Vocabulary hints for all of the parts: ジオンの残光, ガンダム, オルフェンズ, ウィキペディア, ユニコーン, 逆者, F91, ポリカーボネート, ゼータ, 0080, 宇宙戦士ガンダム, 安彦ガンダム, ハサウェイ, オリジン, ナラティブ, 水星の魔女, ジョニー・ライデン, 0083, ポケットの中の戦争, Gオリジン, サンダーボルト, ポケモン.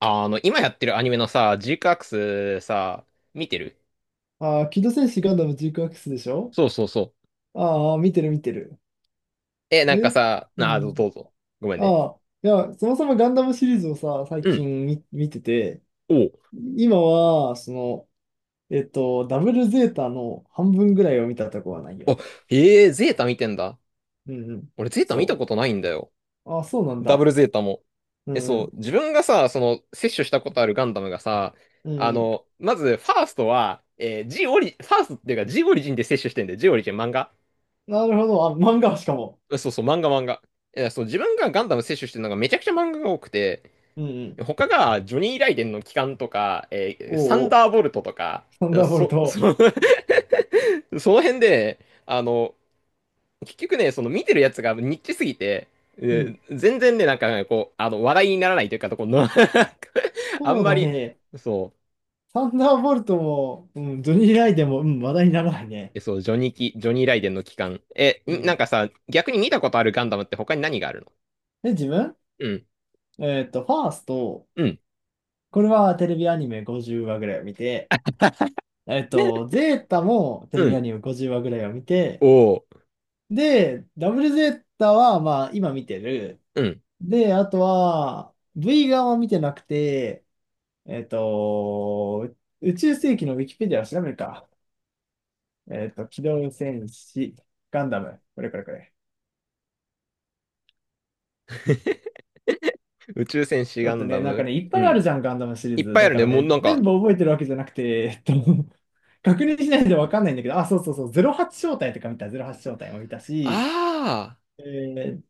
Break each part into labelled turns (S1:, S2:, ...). S1: 今やってるアニメのさ、ジークアクスさ、見てる。
S2: ああ、機動戦士ガンダムジークアックスでしょ？
S1: そうそうそう。
S2: ああ、見てる見てる。
S1: なん
S2: で、
S1: かさ、
S2: う
S1: なあ、ど
S2: ん。
S1: うぞ。ごめんね。
S2: ああ、いや、そもそもガンダムシリーズをさ、最
S1: うん。
S2: 近見てて、
S1: おう。
S2: 今は、その、ダブルゼータの半分ぐらいを見たとこはないよ。
S1: あ、へえ、ゼータ見てんだ。
S2: うんうん。
S1: 俺、ゼータ見た
S2: そ
S1: ことないんだよ。
S2: う。ああ、そうなん
S1: ダブ
S2: だ。
S1: ルゼータも。
S2: うんう
S1: そう、
S2: ん。
S1: 自分がさ、摂取したことあるガンダムがさ、
S2: うんうん。
S1: まず、ファーストは、えー、G オリ、ファーストっていうか G オリジンで摂取してんだよ。G オリジン漫画。
S2: なるほど。あ、漫画しかも。
S1: そうそう、漫画漫画。そう、自分がガンダム摂取してるのがめちゃくちゃ漫画が多くて、
S2: うんうん。
S1: 他が、ジョニー・ライデンの帰還とか、サン
S2: おうおう。
S1: ダーボルトとか、
S2: サンダーボル
S1: そ、そ、
S2: ト。
S1: その辺で、あの、結局ね、その見てるやつがニッチすぎて、え
S2: うん。
S1: 全然ね、なんかね、話題にならないというか、とこの あ
S2: そ
S1: ん
S2: う
S1: ま
S2: だ
S1: り、
S2: ね。
S1: そう、
S2: サンダーボルトも、うん、ジョニー・ライデンも、うん、話題にならないね。
S1: そう、ジョニー・ライデンの帰還。
S2: う
S1: なん
S2: ん。
S1: かさ、逆に見たことあるガンダムって他に何があるの？
S2: で、自分、
S1: うん、
S2: ファースト、
S1: うん、
S2: これはテレビアニメ50話ぐらいを見て、
S1: ね、
S2: ゼータもテレ
S1: う
S2: ビア
S1: ん、
S2: ニメ50話ぐらいを見て、
S1: おー、
S2: で、ダブルゼータは、まあ、今見てる。
S1: うん。
S2: で、あとは、V 側は見てなくて、えっと、宇宙世紀のウィキペディアを調べるか。機動戦士、ガンダム、これこれこれ。
S1: 宇宙戦士
S2: だ
S1: ガ
S2: って
S1: ンダ
S2: ね、なんか
S1: ム、
S2: ね、いっ
S1: う
S2: ぱいある
S1: ん。
S2: じゃん、ガンダムシリー
S1: いっ
S2: ズ。
S1: ぱいあ
S2: だ
S1: る
S2: か
S1: ね。
S2: ら
S1: もう
S2: ね、
S1: なん
S2: 全
S1: か、
S2: 部覚えてるわけじゃなくて、確認しないとわかんないんだけど、あ、そうそうそう、08正体とか見た、08正体も見たし、
S1: ああ。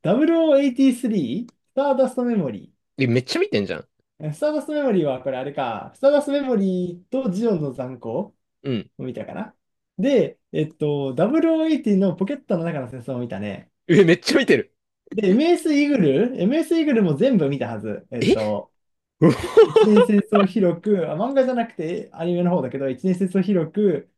S2: 0083、スターダストメモリ
S1: めっちゃ見てんじゃん。
S2: ー。スターダストメモリーはこれあれか、スターダストメモリーとジオンの残光を
S1: うん。
S2: 見たかな。で、0080のポケットの中の戦争を見たね。
S1: めっちゃ見てる。
S2: で、MS イーグルも全部見たはず。
S1: えうお
S2: 一年戦争広く、あ、漫画じゃなくてアニメの方だけど、一年戦争広く、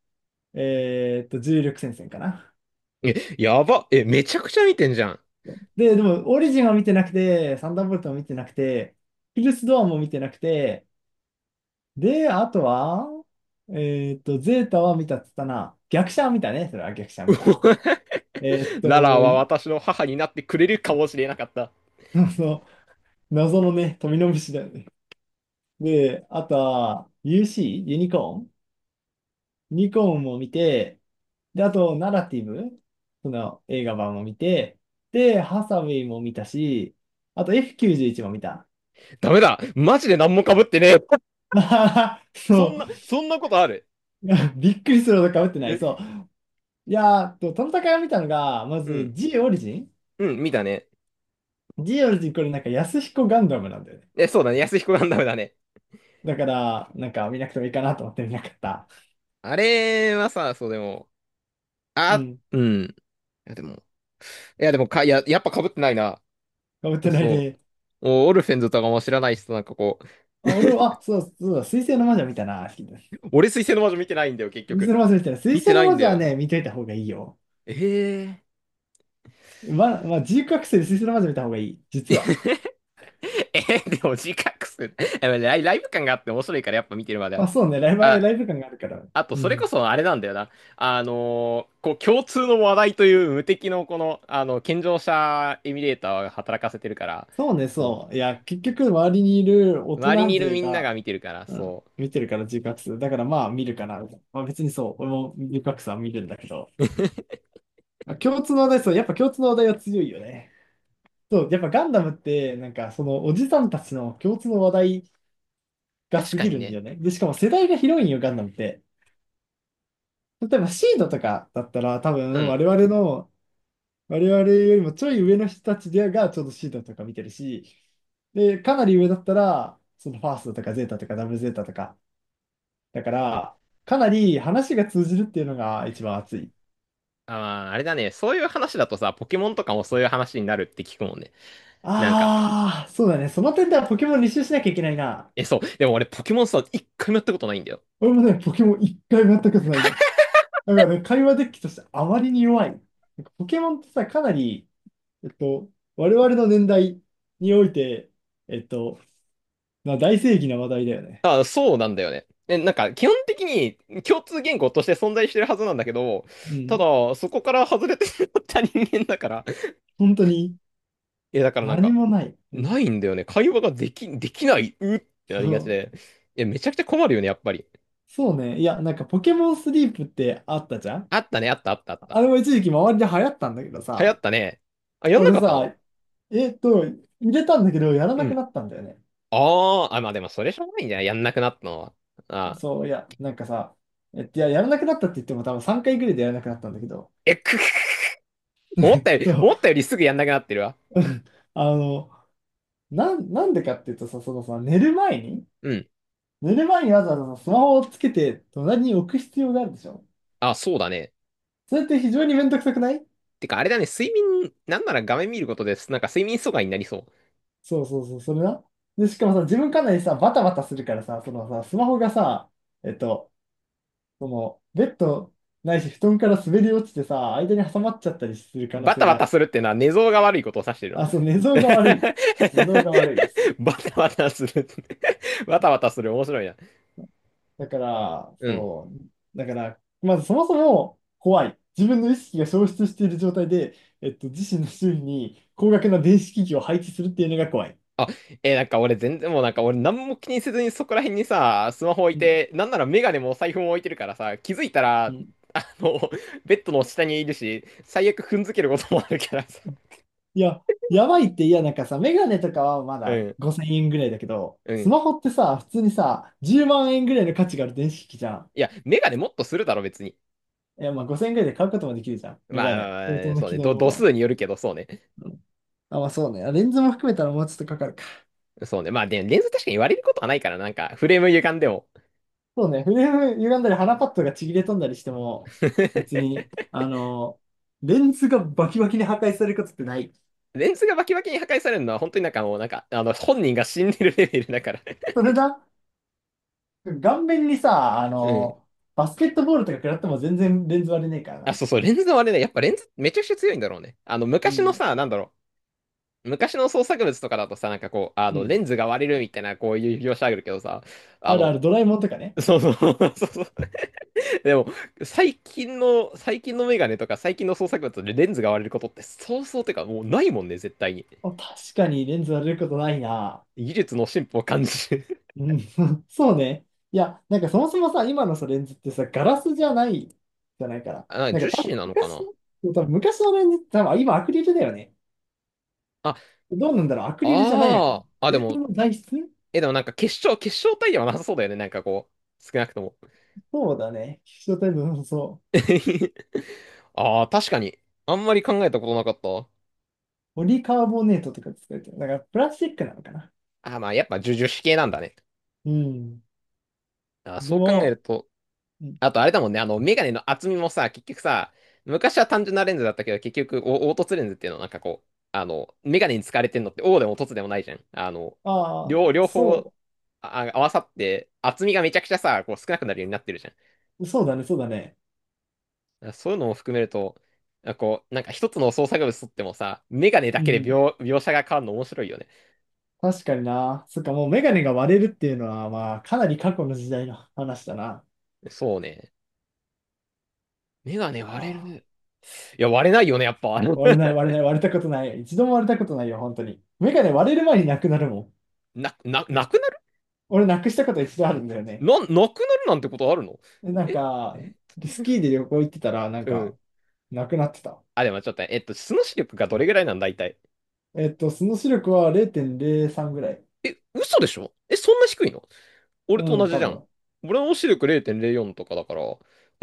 S2: 重力戦線かな。
S1: やば。めちゃくちゃ見てんじゃん。
S2: で、でも、オリジンは見てなくて、サンダーボルトも見てなくて、ヒルスドアも見てなくて、で、あとは、ゼータは見たっつったな。逆者は見たね、それは逆者は
S1: う
S2: 見
S1: お、
S2: た。えーっ
S1: ララ
S2: と、
S1: は
S2: い
S1: 私の母になってくれるかもしれなかった。
S2: その、謎のね、富の虫だよね。で、あとは、UC? ユニコーンも見て、で、あと、ナラティブ、その映画版も見て、で、ハサウェイも見たし、あと F91 も見た。
S1: ダメだ。マジで何も被ってねえ。
S2: まあ
S1: そ
S2: そ
S1: んな、そんなことある？
S2: う。びっくりするほど被ってない。
S1: え、
S2: そう。いやー、トナタカ見たのが、ま
S1: う
S2: ず
S1: ん。
S2: G オリジン
S1: うん、見たね。
S2: ?G オリジンこれなんか安彦ガンダムなんだよね。
S1: そうだね。安彦ガンダムだね。
S2: だから、なんか見なくてもいいかなと思って見なかった。
S1: あれはさ、そうでも、
S2: う
S1: あ、
S2: ん。
S1: うん。いやでも、いやでもか、いや、やっぱ被ってないな。
S2: 被ってない
S1: そう。
S2: ね。
S1: オルフェンズとかも知らない人なんかう
S2: あ、俺は、あ、そう、そうだ、水星の魔女見たな。水
S1: 俺水星の魔女見てないんだよ、結
S2: 星
S1: 局。
S2: の魔女見たな。水
S1: 見て
S2: 星の
S1: ない
S2: 魔
S1: んだ
S2: 女は
S1: よ。
S2: ね、見といた方がいいよ。
S1: ええ
S2: まあ、自由覚醒で水星の魔女見た方がいい。実は。
S1: ー。えー、でも自覚する。やっぱライブ感があって面白いからやっぱ見てるまであ
S2: まあ、
S1: る。
S2: そうね、ライブ、
S1: あ、
S2: ライブ感があるから。
S1: あと
S2: う
S1: それこ
S2: ん。
S1: そあれなんだよな。あのーこう共通の話題という無敵のこの、健常者エミュレーターが働かせてるから、
S2: そうね、
S1: そ
S2: そう。いや、結局、周りにいる大
S1: う。周り
S2: 人
S1: にいる
S2: 勢
S1: みんな
S2: が、
S1: が見てるから、
S2: うん、
S1: そう。
S2: 見てるから自覚する。だから、まあ、見るかな。まあ、別にそう、俺も自覚さは見るんだけど。まあ共通の話題、そう、やっぱ共通の話題は強いよね。そう、やっぱガンダムって、なんか、その、おじさんたちの共通の話題が
S1: 確
S2: 過
S1: か
S2: ぎ
S1: に
S2: るんだ
S1: ね。
S2: よね。で、しかも世代が広いんよ、ガンダムって。例えば、シードとかだったら、多
S1: う
S2: 分、
S1: ん。
S2: 我々よりもちょい上の人たちでがちょうどシータとか見てるし、で、かなり上だったら、そのファーストとかゼータとかダブルゼータとか、だから、かなり話が通じるっていうのが一番熱い。
S1: あー、あれだね。そういう話だとさ、ポケモンとかもそういう話になるって聞くもんね。なんか、
S2: ああ、そうだね。その点ではポケモン履修しなきゃいけないな。
S1: そう。でも俺ポケモンさ、一回もやったことないんだよ。
S2: 俺もね、ポケモン一回もやったことないの。だからね、会話デッキとしてあまりに弱い。なんかポケモンってさ、かなり、えっと、我々の年代において、えっと、まあ大正義な話題だよね。
S1: あ、そうなんだよね。なんか、基本的に共通言語として存在してるはずなんだけど、
S2: う
S1: た
S2: ん。
S1: だ、そこから外れてしまった人間だから、
S2: 本当に
S1: いや、だからなん
S2: 何
S1: か、
S2: もない。うん。
S1: ないんだよね。会話ができ、できない、うってな
S2: そ
S1: りがち
S2: う
S1: で。いや、めちゃくちゃ困るよね、やっぱり。
S2: そうね。いや、なんかポケモンスリープってあったじゃん？
S1: あったね、あった、あった、あった。
S2: あれも一時期周りで流行ったんだけど
S1: 流行
S2: さ、
S1: ったね。あ、やんな
S2: 俺
S1: かったの？
S2: さ、入れたんだけど、やら
S1: う
S2: なく
S1: ん。
S2: なったんだよね。
S1: あー、あ、まあでも、それしょうがないんじゃない？やんなくなったのは。あ
S2: そう、いや、なんかさ、いや、やらなくなったって言っても多分3回ぐらいでやらなくなったんだけど、
S1: ー、え、く、
S2: そう、
S1: 思ったよりすぐやんなくなってるわ。
S2: あの、なんでかっていうとさ、そのさ、寝る前に、
S1: うん。
S2: 寝る前にわざわざさスマホをつけて隣に置く必要があるでしょ？
S1: あ、そうだね。
S2: それって非常にめんどくさくない？
S1: てか、あれだね、睡眠、なんなら画面見ることです。なんか睡眠阻害になりそう。
S2: そうそうそう、それな。で、しかもさ、自分かなりさ、バタバタするからさ、そのさ、スマホがさ、えっと、その、ベッドないし、布団から滑り落ちてさ、間に挟まっちゃったりする可能
S1: バタ
S2: 性
S1: バタ
S2: が、
S1: するってのは寝相が悪いことを指してる
S2: あ、
S1: の？
S2: そう、寝相 が悪い。寝相が悪いです。
S1: バタバタする。バタバタする。面白いな。
S2: だから、
S1: うん。
S2: そう、だから、まずそもそも怖い。自分の意識が消失している状態で、自身の周囲に高額な電子機器を配置するっていうのが怖い。
S1: あ、なんか俺全然もうなんか俺何も気にせずにそこら辺にさ、スマホ置い
S2: うん。
S1: て、なんならメガネもお財布も置いてるからさ、気づいたら、あの、ベッドの下にいるし、最悪踏んづけることもあるからさ。
S2: いや、やばいって、いや、なんかさ、メガネとかはま
S1: う
S2: だ
S1: ん、
S2: 5000円ぐらいだけど、
S1: う
S2: ス
S1: ん。
S2: マホってさ、普通にさ、10万円ぐらいの価値がある電子機器じゃん。
S1: いや、メガネもっとするだろ、別に。
S2: いや、まあ5000円ぐらいで買うこともできるじゃん。メガネ。相
S1: ま
S2: 当
S1: あ、
S2: な
S1: そう
S2: 機
S1: ね。
S2: 能のも
S1: 度数
S2: の。
S1: によるけど、そうね。
S2: うん。あ、まあそうね。あ、レンズも含めたらもうちょっとかかるか。
S1: そうね。まあ、で、レンズ確かに割れることはないから、なんか、フレーム歪んでも。
S2: そうね。フレーム歪んだり、鼻パッドがちぎれ飛んだりしても、別 に、あの、レンズがバキバキに破壊されることってない。
S1: レンズがバキバキに破壊されるのは、本当になんかもう、なんか、本人が死んでるレベルだから。
S2: それだ。顔面にさ、あ
S1: うん。
S2: の、バスケットボールとか食らっても全然レンズ割れねえから
S1: あ、
S2: な。
S1: そうそう、レンズの割れね。やっぱレンズめちゃくちゃ強いんだろうね。
S2: う
S1: 昔の
S2: ん。
S1: さ、なんだろう。昔の創作物とかだとさ、なんかこう、あ
S2: う
S1: の、レ
S2: ん。
S1: ンズが割れるみたいな、こういう描写あるけどさ、あ
S2: あるあ
S1: の、
S2: る、ドラえもんとかね。
S1: そうそう。 そうそう。でも、最近のメガネとか最近の創作物でレンズが割れることって、そうそう、てか、もうないもんね、絶対に。
S2: あ、確かにレンズ割れることないな。
S1: 技術の進歩を感じる。
S2: うん、そうね。いや、なんかそもそもさ、今のさ、レンズってさ、ガラスじゃないじゃないか ら。
S1: あ、なんか
S2: なん
S1: 樹
S2: か多
S1: 脂
S2: 分
S1: なのか
S2: 昔、
S1: な？
S2: 多分昔のレンズって多分今アクリルだよね。
S1: あ、
S2: どうなんだろう、アクリルじゃないのかも。
S1: ああ、あ、で
S2: こ
S1: も、
S2: の材質
S1: でもなんか結晶体ではなさそうだよね。なんかこう、少なくとも。
S2: そうだね。希少タイプの、そう。
S1: ああ、確かに。あんまり考えたことなかった。
S2: ポリカーボネートとか使われてる。だからプラスチックなのかな。
S1: あー、まあやっぱ樹脂系なんだね。
S2: うん。
S1: あー、
S2: で
S1: そう考える
S2: も、
S1: と、
S2: うん、
S1: あとあれだもんね、メガネの厚みもさ、結局さ、昔は単純なレンズだったけど、結局、凹凸レンズっていうのはなんかこう、メガネに使われてんのって、O でも凸でもないじゃん。
S2: ああ、
S1: 両方
S2: そ
S1: 合わさって、厚みがめちゃくちゃさ、こう少なくなるようになってるじゃん。
S2: う、そうだね、そうだね。
S1: そういうのも含めると、なんかこう、なんか一つの創作物とってもさ、メガネ
S2: う
S1: だけで
S2: ん。
S1: 描写が変わるの面白いよね。
S2: 確かにな。そっか、もうメガネが割れるっていうのは、まあ、かなり過去の時代の話だな。
S1: そうね。メガ
S2: い
S1: ネ
S2: や
S1: 割れ
S2: ー、
S1: る。いや、割れないよね、やっぱ。
S2: 割れ ない、割れない、割れたことない。一度も割れたことないよ、本当に。メガネ割れる前になくなるもん。
S1: なくなる？
S2: 俺、なくしたこと一度あるんだよね。
S1: なくなるなんてことあるの？
S2: で、なん
S1: え
S2: か、
S1: え、
S2: スキーで旅行行ってたら、なん
S1: う
S2: か、
S1: ん。
S2: なくなってた。
S1: あ、でもちょっとね、えっと、素の視力がどれぐらいなんだ、いたい？
S2: その視力は0.03ぐらい。
S1: え、嘘でしょ？え、そんな低いの？
S2: う
S1: 俺と同
S2: ん、
S1: じ
S2: 多
S1: じゃん。
S2: 分。
S1: 俺の視力0.04とかだから、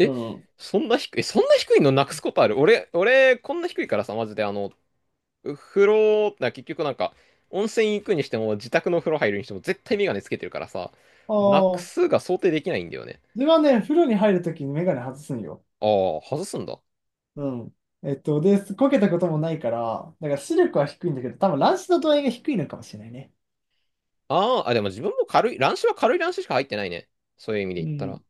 S2: うん。
S1: そんな低い、えそんな低いのなくすことある？俺、こんな低いからさ、マジで、風呂、結局なんか、温泉行くにしても、自宅の風呂入るにしても、絶対メガネつけてるからさ、
S2: あ
S1: なく
S2: あ、
S1: すが想定できないんだよね。
S2: 自分はね、風呂に入るときにメガネ外すんよ。
S1: ああ、外すんだ。
S2: うん。で、こけたこともないから、だから視力は低いんだけど、多分乱視の度合いが低いのかもしれないね。
S1: あーあ、でも自分も軽い、乱視は軽い乱視しか入ってないね。そういう意味で
S2: う
S1: 言った
S2: ん。
S1: ら。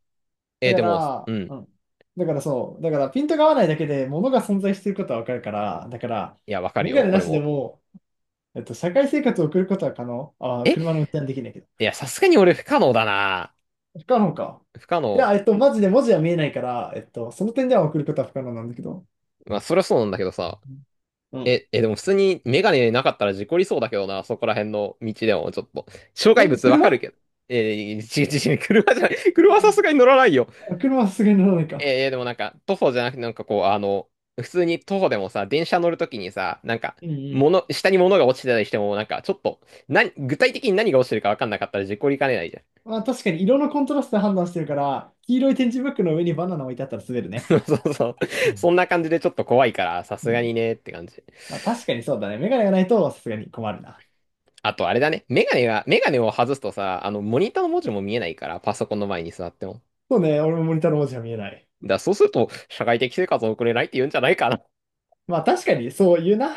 S1: え
S2: だ
S1: ー
S2: か
S1: でも、う
S2: ら、
S1: ん。
S2: うん。だからそう。だからピントが合わないだけで物が存在していることはわかるから、だから、
S1: いや、わかる
S2: メガ
S1: よ、
S2: ネな
S1: 俺
S2: しで
S1: も。
S2: も、社会生活を送ることは可能。あー、
S1: え、
S2: 車の運転はできないけど。
S1: いや、さすがに俺不可能だな。
S2: 不可能か。
S1: 不可
S2: い
S1: 能。
S2: や、マジで文字は見えないから、その点では送ることは不可能なんだけど。
S1: まあ、そりゃそうなんだけどさ。
S2: うん。うん。
S1: え、え、でも普通にメガネなかったら事故りそうだけどな、そこら辺の道でもちょっと。障害
S2: え、
S1: 物わかる
S2: 車？
S1: けど。えー、ち、違う違う、車じゃない。車はさすがに乗らないよ。
S2: あ、車はさすがに乗らないか。
S1: えー、でもなんか、徒歩じゃなくて、なんかこう、普通に徒歩でもさ、電車乗るときにさ、なんか、
S2: うん。うん。
S1: 下に物が落ちてたりしても、なんか、ちょっと、な、具体的に何が落ちてるかわかんなかったら事故りかねないじゃん。
S2: まあ、確かに色のコントラストで判断してるから、黄色い点字ブックの上にバナナ置いてあったら滑る ね。
S1: そうそう。
S2: う
S1: そ
S2: ん。
S1: んな感じでちょっと怖いから、さ
S2: う
S1: すが
S2: ん。
S1: にねって感じ。
S2: まあ、確かにそうだね。メガネがないとさすがに困るな。
S1: あとあれだね。メガネを外すとさ、モニターの文字も見えないから、パソコンの前に座っても。
S2: そうね、俺もモニターの文字は見えない。
S1: だからそうすると、社会的生活を送れないって言うんじゃないかな。
S2: まあ確かにそう言うな。